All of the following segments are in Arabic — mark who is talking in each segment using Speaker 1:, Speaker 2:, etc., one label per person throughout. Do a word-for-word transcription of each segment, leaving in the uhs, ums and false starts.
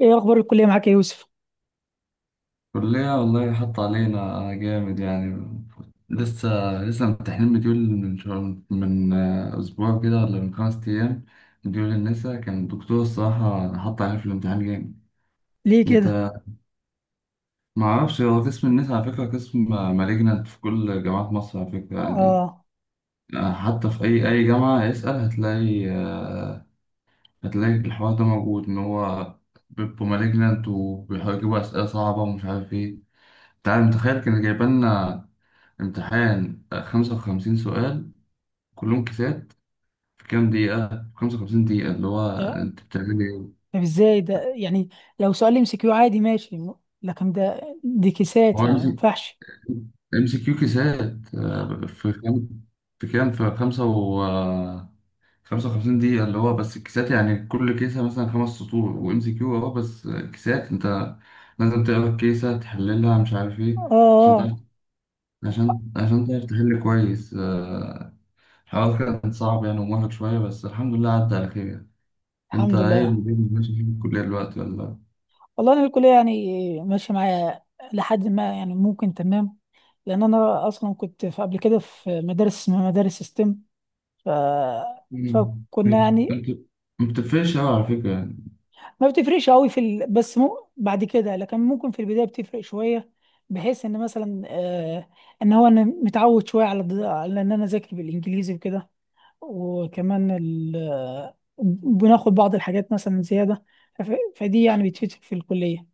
Speaker 1: ايه اخبار الكليه معاك يا يوسف؟
Speaker 2: كلية والله حط علينا جامد يعني. لسه لسه ممتحنين مديول من شهر من آه، أسبوع كده ولا من خمس أيام. مديول النسا كان الدكتور الصراحة حط علينا في الامتحان جامد.
Speaker 1: ليه كده؟
Speaker 2: أنت معرفش، هو قسم النسا على فكرة قسم مالجنت في كل جامعات مصر على فكرة يعني.
Speaker 1: اه.
Speaker 2: آه، حتى في أي أي جامعة اسأل، هتلاقي آه، هتلاقي الحوار ده موجود، إن هو بيبقوا مالجنت وبيحاولوا يجيبوا أسئلة صعبة ومش عارف إيه. تعال متخيل كان جايبالنا امتحان آه، خمسة وخمسين سؤال كلهم كيسات في كام دقيقة؟ خمسة وخمسين دقيقة، اللي هو
Speaker 1: إيه؟
Speaker 2: أنت بتعمل إيه؟
Speaker 1: طب ازاي ده يعني؟ لو سؤال ام سي كيو عادي ماشي، م- لكن ده دي
Speaker 2: هو
Speaker 1: كيسات، يعني
Speaker 2: ام
Speaker 1: ما
Speaker 2: سي
Speaker 1: ينفعش.
Speaker 2: ام سي كيو كيسات آه، في كام في كام، في خمسة و آه، خمسة وخمسين دقيقة، اللي هو بس الكيسات يعني، كل كيسة مثلا خمس سطور، وام سي كيو أهو بس كيسات. أنت لازم تقرا الكيسة تحللها مش عارف إيه
Speaker 1: اه،
Speaker 2: عشان تعرف،
Speaker 1: اه.
Speaker 2: عشان عشان تعرف تحل كويس. آه، الحوار كان صعب يعني ومرهق شوية، بس الحمد لله عدى على خير. انت
Speaker 1: الحمد
Speaker 2: ايه
Speaker 1: لله.
Speaker 2: اللي بيني ماشي في الكلية دلوقتي ولا؟
Speaker 1: والله انا الكليه يعني ماشيه معايا لحد ما، يعني ممكن تمام، لان انا اصلا كنت في قبل كده في مدارس اسمها مدارس ستيم. ف
Speaker 2: مم.
Speaker 1: فكنا يعني
Speaker 2: انت ما بتفرقش قوي على فكرة يعني.
Speaker 1: ما بتفرقش قوي في ال... بس مو... بعد كده، لكن ممكن في البدايه بتفرق شويه، بحيث ان مثلا آه ان هو انا متعود شويه على ض- على ان انا اذاكر بالانجليزي وكده. وكمان ال... آه، بناخد بعض الحاجات مثلا زياده، فف... فدي يعني بتفيد في الكليه.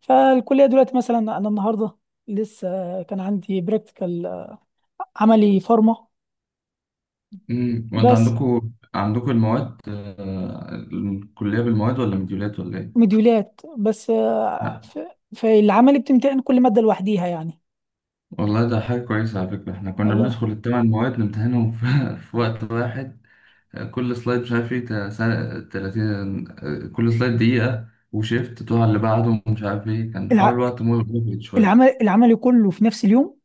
Speaker 1: فالكليه دلوقتي مثلا انا النهارده، لسه كان عندي براكتيكال، عملي فارما.
Speaker 2: مم. وانت
Speaker 1: بس.
Speaker 2: عندكوا، عندكوا المواد آه، الكلية بالمواد ولا مديولات ولا ايه؟
Speaker 1: مديولات بس. آه،
Speaker 2: لا
Speaker 1: ف... فالعملي بتمتحن كل ماده لوحديها يعني.
Speaker 2: والله ده حاجة كويسة على فكرة، احنا كنا
Speaker 1: والله.
Speaker 2: بندخل الثمان مواد نمتحنهم في, في وقت واحد. آه، كل سلايد مش عارف ايه تا- سا- تلاتين، آه، كل سلايد دقيقة وشيفت تروح على اللي بعده ومش عارف ايه، كان حوار الوقت مهم شوية.
Speaker 1: العمل العمل كله في نفس اليوم.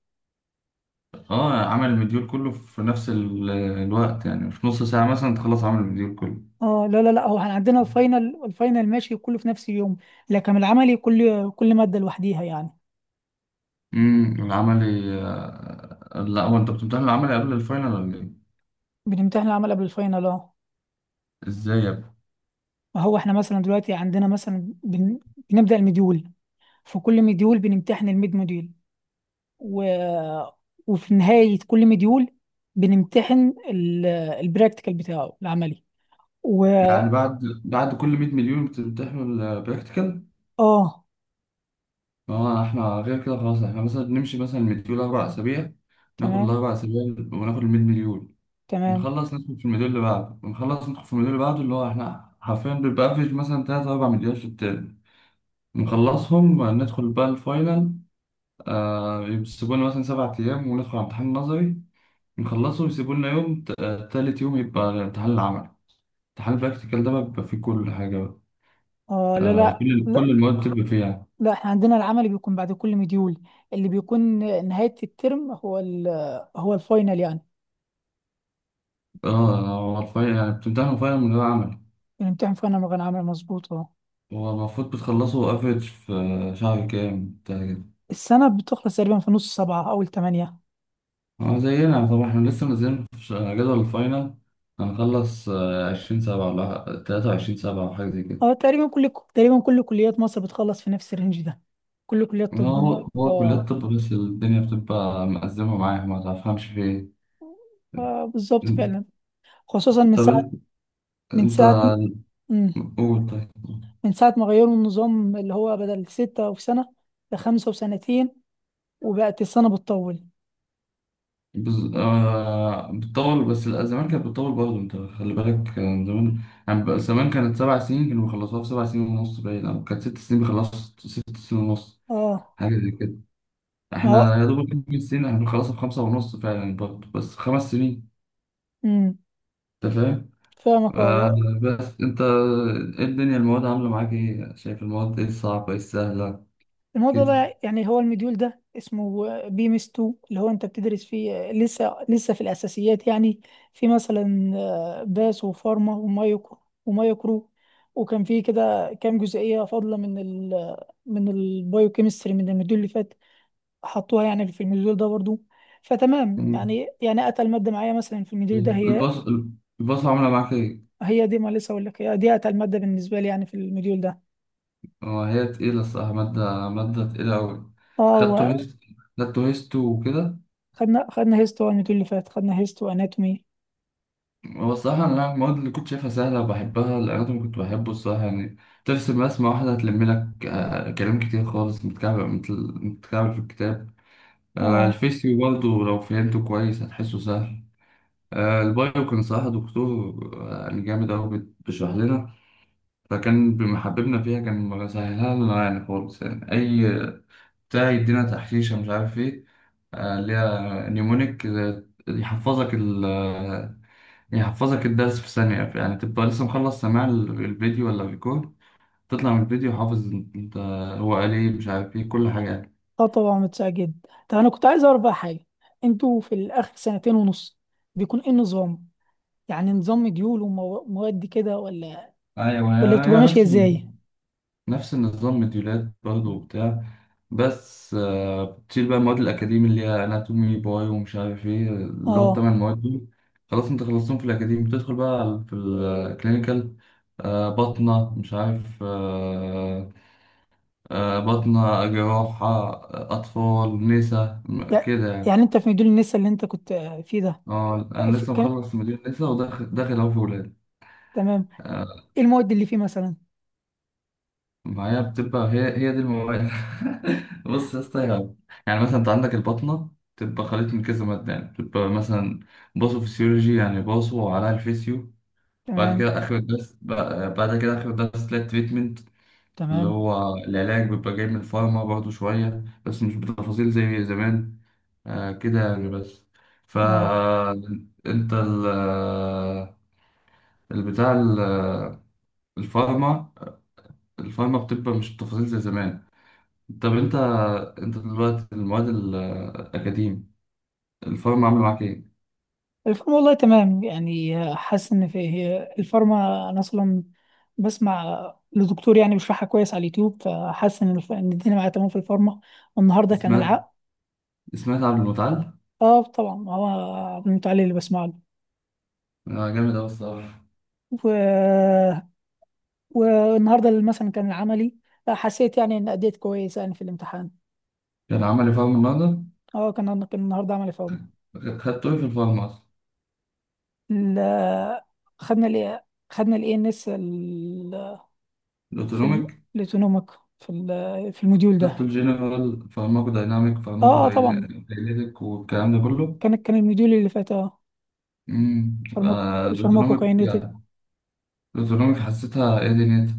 Speaker 2: اه، عمل المديول كله في نفس ال- الوقت يعني، في نص ساعة مثلا تخلص عمل المديول كله.
Speaker 1: اه، لا، لا، لا، هو احنا عندنا الفاينل الفاينل ماشي كله في نفس اليوم، لكن العملي كل كل مادة لوحديها يعني.
Speaker 2: امم العملي، آه، لا، هو انت بتمتحن العملي قبل الفاينل ولا ايه؟
Speaker 1: بنمتحن العمل قبل الفاينل، اه.
Speaker 2: ازاي يا ابني؟
Speaker 1: ما هو احنا مثلا دلوقتي عندنا مثلا بن... بنبدأ المديول، في كل مديول بنمتحن الميد موديول، و... وفي نهاية كل مديول بنمتحن ال... البراكتيكال بتاعه العملي. و
Speaker 2: يعني بعد بعد كل 100 مليون بتمتحنوا البراكتيكال؟
Speaker 1: اه،
Speaker 2: اه احنا غير كده خلاص، احنا مثلا بنمشي مثلا المديول أربع أسابيع، ناخد
Speaker 1: تمام،
Speaker 2: الأربع أسابيع وناخد ال 100 مليون،
Speaker 1: تمام.
Speaker 2: نخلص ندخل في المديول اللي بعده ونخلص ندخل في المديول اللي بعده، اللي هو احنا حرفيا بيبقى افريج مثلا تلاتة أربع مليون في الترم. نخلصهم ندخل بقى الفاينل. آه، يسيبوا لنا مثلا سبع أيام وندخل على امتحان نظري، نخلصه ويسيبوا لنا يوم ت- آه، تالت يوم يبقى الامتحان العملي. امتحان البراكتيكال ده بقى بيبقى فيه كل حاجة بقى،
Speaker 1: اه، لا،
Speaker 2: آه كل كل
Speaker 1: لا،
Speaker 2: المواد بتبقى فيه يعني.
Speaker 1: لا، احنا عندنا العمل بيكون بعد كل مديول، اللي بيكون نهاية الترم هو ال هو الفاينل يعني.
Speaker 2: اه هو الفاينل يعني بتمتحنوا فاينل من غير عمل.
Speaker 1: بنمتحن فاينل من غير عمل، مظبوط اه.
Speaker 2: هو المفروض بتخلصوا افريج في شهر كام بتاع كده؟
Speaker 1: السنة بتخلص تقريبا في نص سبعة، أول تمانية.
Speaker 2: اه زينا طبعا، احنا لسه منزلين في ش- جدول الفاينل. هنخلص عشرين سبعة ولا تلاتة وعشرين سبعة أو حاجة زي
Speaker 1: اه،
Speaker 2: كده.
Speaker 1: تقريبا كل تقريبا كل كليات مصر بتخلص في نفس الرينج ده، كل كليات طب.
Speaker 2: هو هو كليات
Speaker 1: اه،
Speaker 2: الطب بس الدنيا بتبقى مأزمة معايا، ما تفهمش في إيه.
Speaker 1: آه، بالظبط
Speaker 2: طب
Speaker 1: فعلا. خصوصا من ساعة
Speaker 2: انت،
Speaker 1: من
Speaker 2: انت
Speaker 1: ساعة مم.
Speaker 2: قول طيب.
Speaker 1: من ساعة ما غيروا النظام اللي هو بدل ستة في سنة لخمسة وسنتين، وبقت السنة بتطول.
Speaker 2: بز... آه... بتطول، بس لا، زمان كانت بتطول برضه، انت خلي بالك كان زمان يعني، بقى زمان كانت سبع سنين كانوا بيخلصوها في سبع سنين ونص باين، او كانت ست سنين بيخلصوا في ست سنين ونص،
Speaker 1: اه،
Speaker 2: حاجة زي كده.
Speaker 1: ما
Speaker 2: احنا
Speaker 1: هو.
Speaker 2: يا دوب خمس سنين، احنا بنخلصها في خمسة ونص فعلا برضه، بس خمس سنين.
Speaker 1: مم.
Speaker 2: انت فاهم.
Speaker 1: فاهمك،
Speaker 2: آه...
Speaker 1: اه.
Speaker 2: بس انت، ايه الدنيا، المواد عاملة معاك ايه، شايف المواد ايه الصعبة ايه السهلة
Speaker 1: الموضوع
Speaker 2: كده؟
Speaker 1: ده يعني هو المديول ده اسمه بيمس اتنين، اللي هو انت بتدرس فيه لسه لسه في الاساسيات يعني. في مثلا آه، باس وفارما ومايكرو، ومايكرو وكان في كده كام جزئيه فاضله من ال من البايوكيمستري من المديول اللي فات، حطوها يعني في المديول ده برضو. فتمام
Speaker 2: مم.
Speaker 1: يعني يعني اتقل ماده معايا مثلا في المديول ده هي.
Speaker 2: الباص، الباص عاملة معاك ايه؟
Speaker 1: هي دي، ما لسه اقول لك، هي دي اتقل ماده بالنسبه لي يعني في المديول ده.
Speaker 2: هو هي تقيلة الصراحة، مادة مادة تقيلة أوي.
Speaker 1: اه،
Speaker 2: خدته
Speaker 1: وخدنا،
Speaker 2: هيست خدته هيستو وكده.
Speaker 1: خدنا خدنا هيستو المديول اللي فات، خدنا هيستو اناتومي.
Speaker 2: هو الصراحة أنا المواد اللي كنت شايفها سهلة وبحبها، الأناتومي كنت بحبه الصراحة يعني، ترسم رسمة واحدة هتلم لك آه، كلام كتير خالص متكعب متل- متكعب في الكتاب. آه،
Speaker 1: اه،
Speaker 2: الفيسيو برضه لو فهمته كويس هتحسه سهل. آه، البايو كان صراحة دكتور آه، يعني جامد أوي، بت- بيشرح لنا، فكان بمحببنا فيها، كان مسهلها لنا يعني خالص يعني، أي بتاع يدينا تحشيشة مش عارف إيه، آه، اللي هي نيومونيك، آه، يحفظك ال آه، يحفظك الدرس في ثانية يعني، تبقى لسه مخلص سماع ال- الفيديو ولا الريكورد، تطلع من الفيديو حافظ. انت، هو قال ايه مش عارف ايه كل حاجة يعني.
Speaker 1: اه، طبعا، متسع جدا. طب انا كنت عايز اعرف بقى حاجه: انتوا في الاخر سنتين ونص بيكون ايه النظام؟ يعني نظام مديول ومواد كده، ولا
Speaker 2: ايوه،
Speaker 1: ولا
Speaker 2: هي
Speaker 1: بتبقى
Speaker 2: هي
Speaker 1: ماشيه
Speaker 2: نفس
Speaker 1: ازاي؟
Speaker 2: النظام، نفس النظام مديولات برضه وبتاع، بس آه، بتشيل بقى المواد الأكاديمي اللي هي أناتومي باي ومش عارف إيه، اللي هو
Speaker 1: اه،
Speaker 2: التمن مواد دول. خلاص أنت خلصتهم في الأكاديمي، بتدخل بقى على- في الكلينيكال، بطنة مش عارف آه، آه، بطنة جراحة آه، أطفال نسا م-
Speaker 1: يع-
Speaker 2: كده يعني.
Speaker 1: يعني انت في مديول النسا اللي انت كنت آه، فيه ده.
Speaker 2: اه
Speaker 1: آه،
Speaker 2: أنا
Speaker 1: في...
Speaker 2: لسه
Speaker 1: كم...
Speaker 2: مخلص مدير نسا وداخل، داخل أهو في ولاد.
Speaker 1: تمام.
Speaker 2: آه،
Speaker 1: ايه المواد اللي فيه مثلا؟
Speaker 2: معايا بتبقى هي هي دي المواد بص يا اسطى يا- يعني مثلا أنت عندك البطنة، بتبقى خليط من كذا مادة يعني، بتبقى مثلا باثوفيسيولوجي يعني باثو على الفيسيو. بعد
Speaker 1: تمام،
Speaker 2: كده آخر الدرس بقى- بعد كده آخر الدرس تلاقي تريتمنت، اللي
Speaker 1: تمام،
Speaker 2: هو العلاج بيبقى جاي من الفارما برضه شوية، بس مش بتفاصيل زي زمان. آه، كده يعني بس.
Speaker 1: اه.
Speaker 2: فانت البتاع ال- آه، الفارما الفارما بتبقى مش بتفاصيل زي زمان. طب انت، انت دلوقتي المواد الاكاديم، الفارما عامله معاك ايه؟
Speaker 1: الفارما والله تمام يعني، آه، حاسس ان في، هي الفارما انا اصلا بسمع لدكتور يعني بيشرحها كويس على اليوتيوب، فحاسس ان الف- إن الدنيا معايا تمام في الفارما. والنهارده كان
Speaker 2: سمعت
Speaker 1: العقد.
Speaker 2: سمعت عبد المتعال؟
Speaker 1: اه، طبعا، هو عبد علي اللي بسمع له.
Speaker 2: آه، جامد اوي الصراحه.
Speaker 1: و... والنهارده اللي مثلا كان العملي، حسيت يعني ان اديت كويس يعني في الامتحان.
Speaker 2: كان عمل لي فارما النهارده.
Speaker 1: اه، كان كان النهارده عملي في عمر.
Speaker 2: خدته ايه في الفارما اصلا؟
Speaker 1: ال... خدنا ال خدنا الاي ان اس في ال...
Speaker 2: الاوتونوميك.
Speaker 1: الاوتونوميك، في ال... في الموديول
Speaker 2: خدته
Speaker 1: ده.
Speaker 2: الجنرال فارماكو دايناميك، فارماكو
Speaker 1: اه، اه، طبعا،
Speaker 2: دايناميك والكلام ده كله.
Speaker 1: كان كان الموديول اللي فات اه.
Speaker 2: امم
Speaker 1: فارماكو،
Speaker 2: آه، الاوتونوميك
Speaker 1: الفارماكوكاينيتك.
Speaker 2: يعني، الزرونج حسيتها ايه دنيتها؟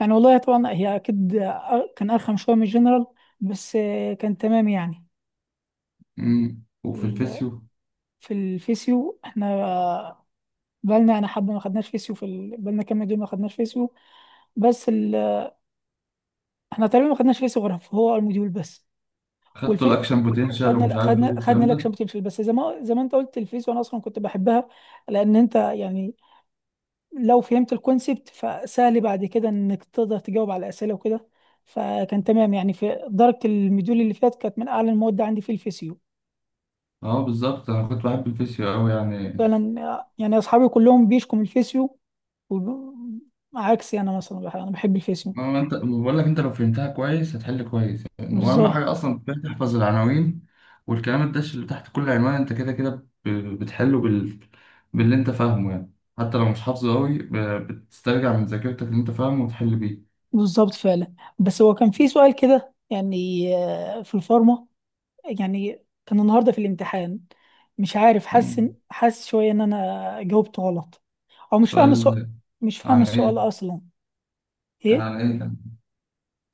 Speaker 1: يعني والله طبعا هي اكيد أ- كان ارخم شويه من الجنرال، بس آه، كان تمام يعني.
Speaker 2: مم. وفي
Speaker 1: ال-
Speaker 2: الفيسيو،
Speaker 1: في الفيسيو احنا بالنا، انا حبه ما خدناش فيسيو في ال... بالنا كام مديول ما خدناش فيسيو، بس ال... احنا تقريبا ما خدناش فيسيو غير هو المديول بس.
Speaker 2: خدته
Speaker 1: والفي
Speaker 2: الاكشن بوتنشال ومش
Speaker 1: خدنا
Speaker 2: عارف ايه
Speaker 1: خدنا خدنا
Speaker 2: والكلام
Speaker 1: لك
Speaker 2: ده.
Speaker 1: شامبيونشيب. بس زي ما زي ما انت قلت، الفيسيو انا اصلا كنت بحبها، لان انت يعني لو فهمت الكونسبت فسهل بعد كده انك تقدر تجاوب على الاسئله وكده، فكان تمام يعني، في درجه المديول اللي فات كانت من اعلى المواد عندي في الفيسيو.
Speaker 2: اه بالظبط، انا كنت بحب الفيسيو قوي يعني.
Speaker 1: فعلا، يعني اصحابي كلهم بيشكوا من الفيسيو، وب- عكسي انا مثلا، بح- انا بحب الفيسيو.
Speaker 2: ما هو انت بقول لك، انت لو فهمتها كويس هتحل كويس يعني، واهم
Speaker 1: بالظبط.
Speaker 2: حاجه اصلا كفاية تحفظ العناوين والكلام الدش اللي تحت كل عنوان، انت كده كده ب- بتحله بال... باللي انت فاهمه يعني، حتى لو مش حافظه قوي ب- بتسترجع من ذاكرتك اللي انت فاهمه وتحل بيه.
Speaker 1: بالظبط فعلا، بس هو كان في سؤال كده يعني آه، في الفارما يعني، كان النهارده في الامتحان. مش عارف، حاسس إن-
Speaker 2: مم.
Speaker 1: حاسس شويه ان انا جاوبت غلط، او مش فاهم السؤال،
Speaker 2: سؤال
Speaker 1: مش
Speaker 2: عن
Speaker 1: فاهم السؤال
Speaker 2: ايه؟
Speaker 1: اصلا.
Speaker 2: كان
Speaker 1: ايه؟
Speaker 2: عن ايه كان؟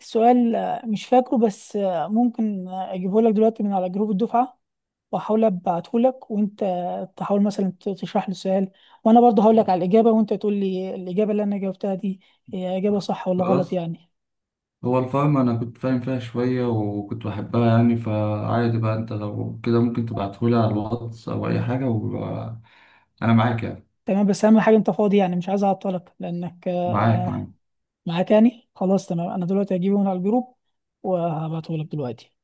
Speaker 1: السؤال آه، مش فاكره، بس آه، ممكن آه، اجيبه لك دلوقتي من على جروب الدفعه، واحاول ابعته لك، وانت تحاول مثلا ت- تشرح لي السؤال، وانا برضه هقول لك على الاجابه، وانت تقول لي الاجابه اللي انا جاوبتها دي هي اجابه صح ولا غلط
Speaker 2: خلاص،
Speaker 1: يعني.
Speaker 2: هو الفارما أنا كنت فاهم فيها شوية وكنت بحبها يعني، فعادي بقى، أنت لو كده ممكن تبعتهولي على الواتس أو أي حاجة وأنا معاك يعني.
Speaker 1: تمام، بس اهم حاجه انت فاضي، يعني مش عايز اعطلك لانك
Speaker 2: معاك،
Speaker 1: آه،
Speaker 2: معاك.
Speaker 1: معاك يعني. خلاص تمام، انا دلوقتي هجيبه من على الجروب، وهبعته لك دلوقتي.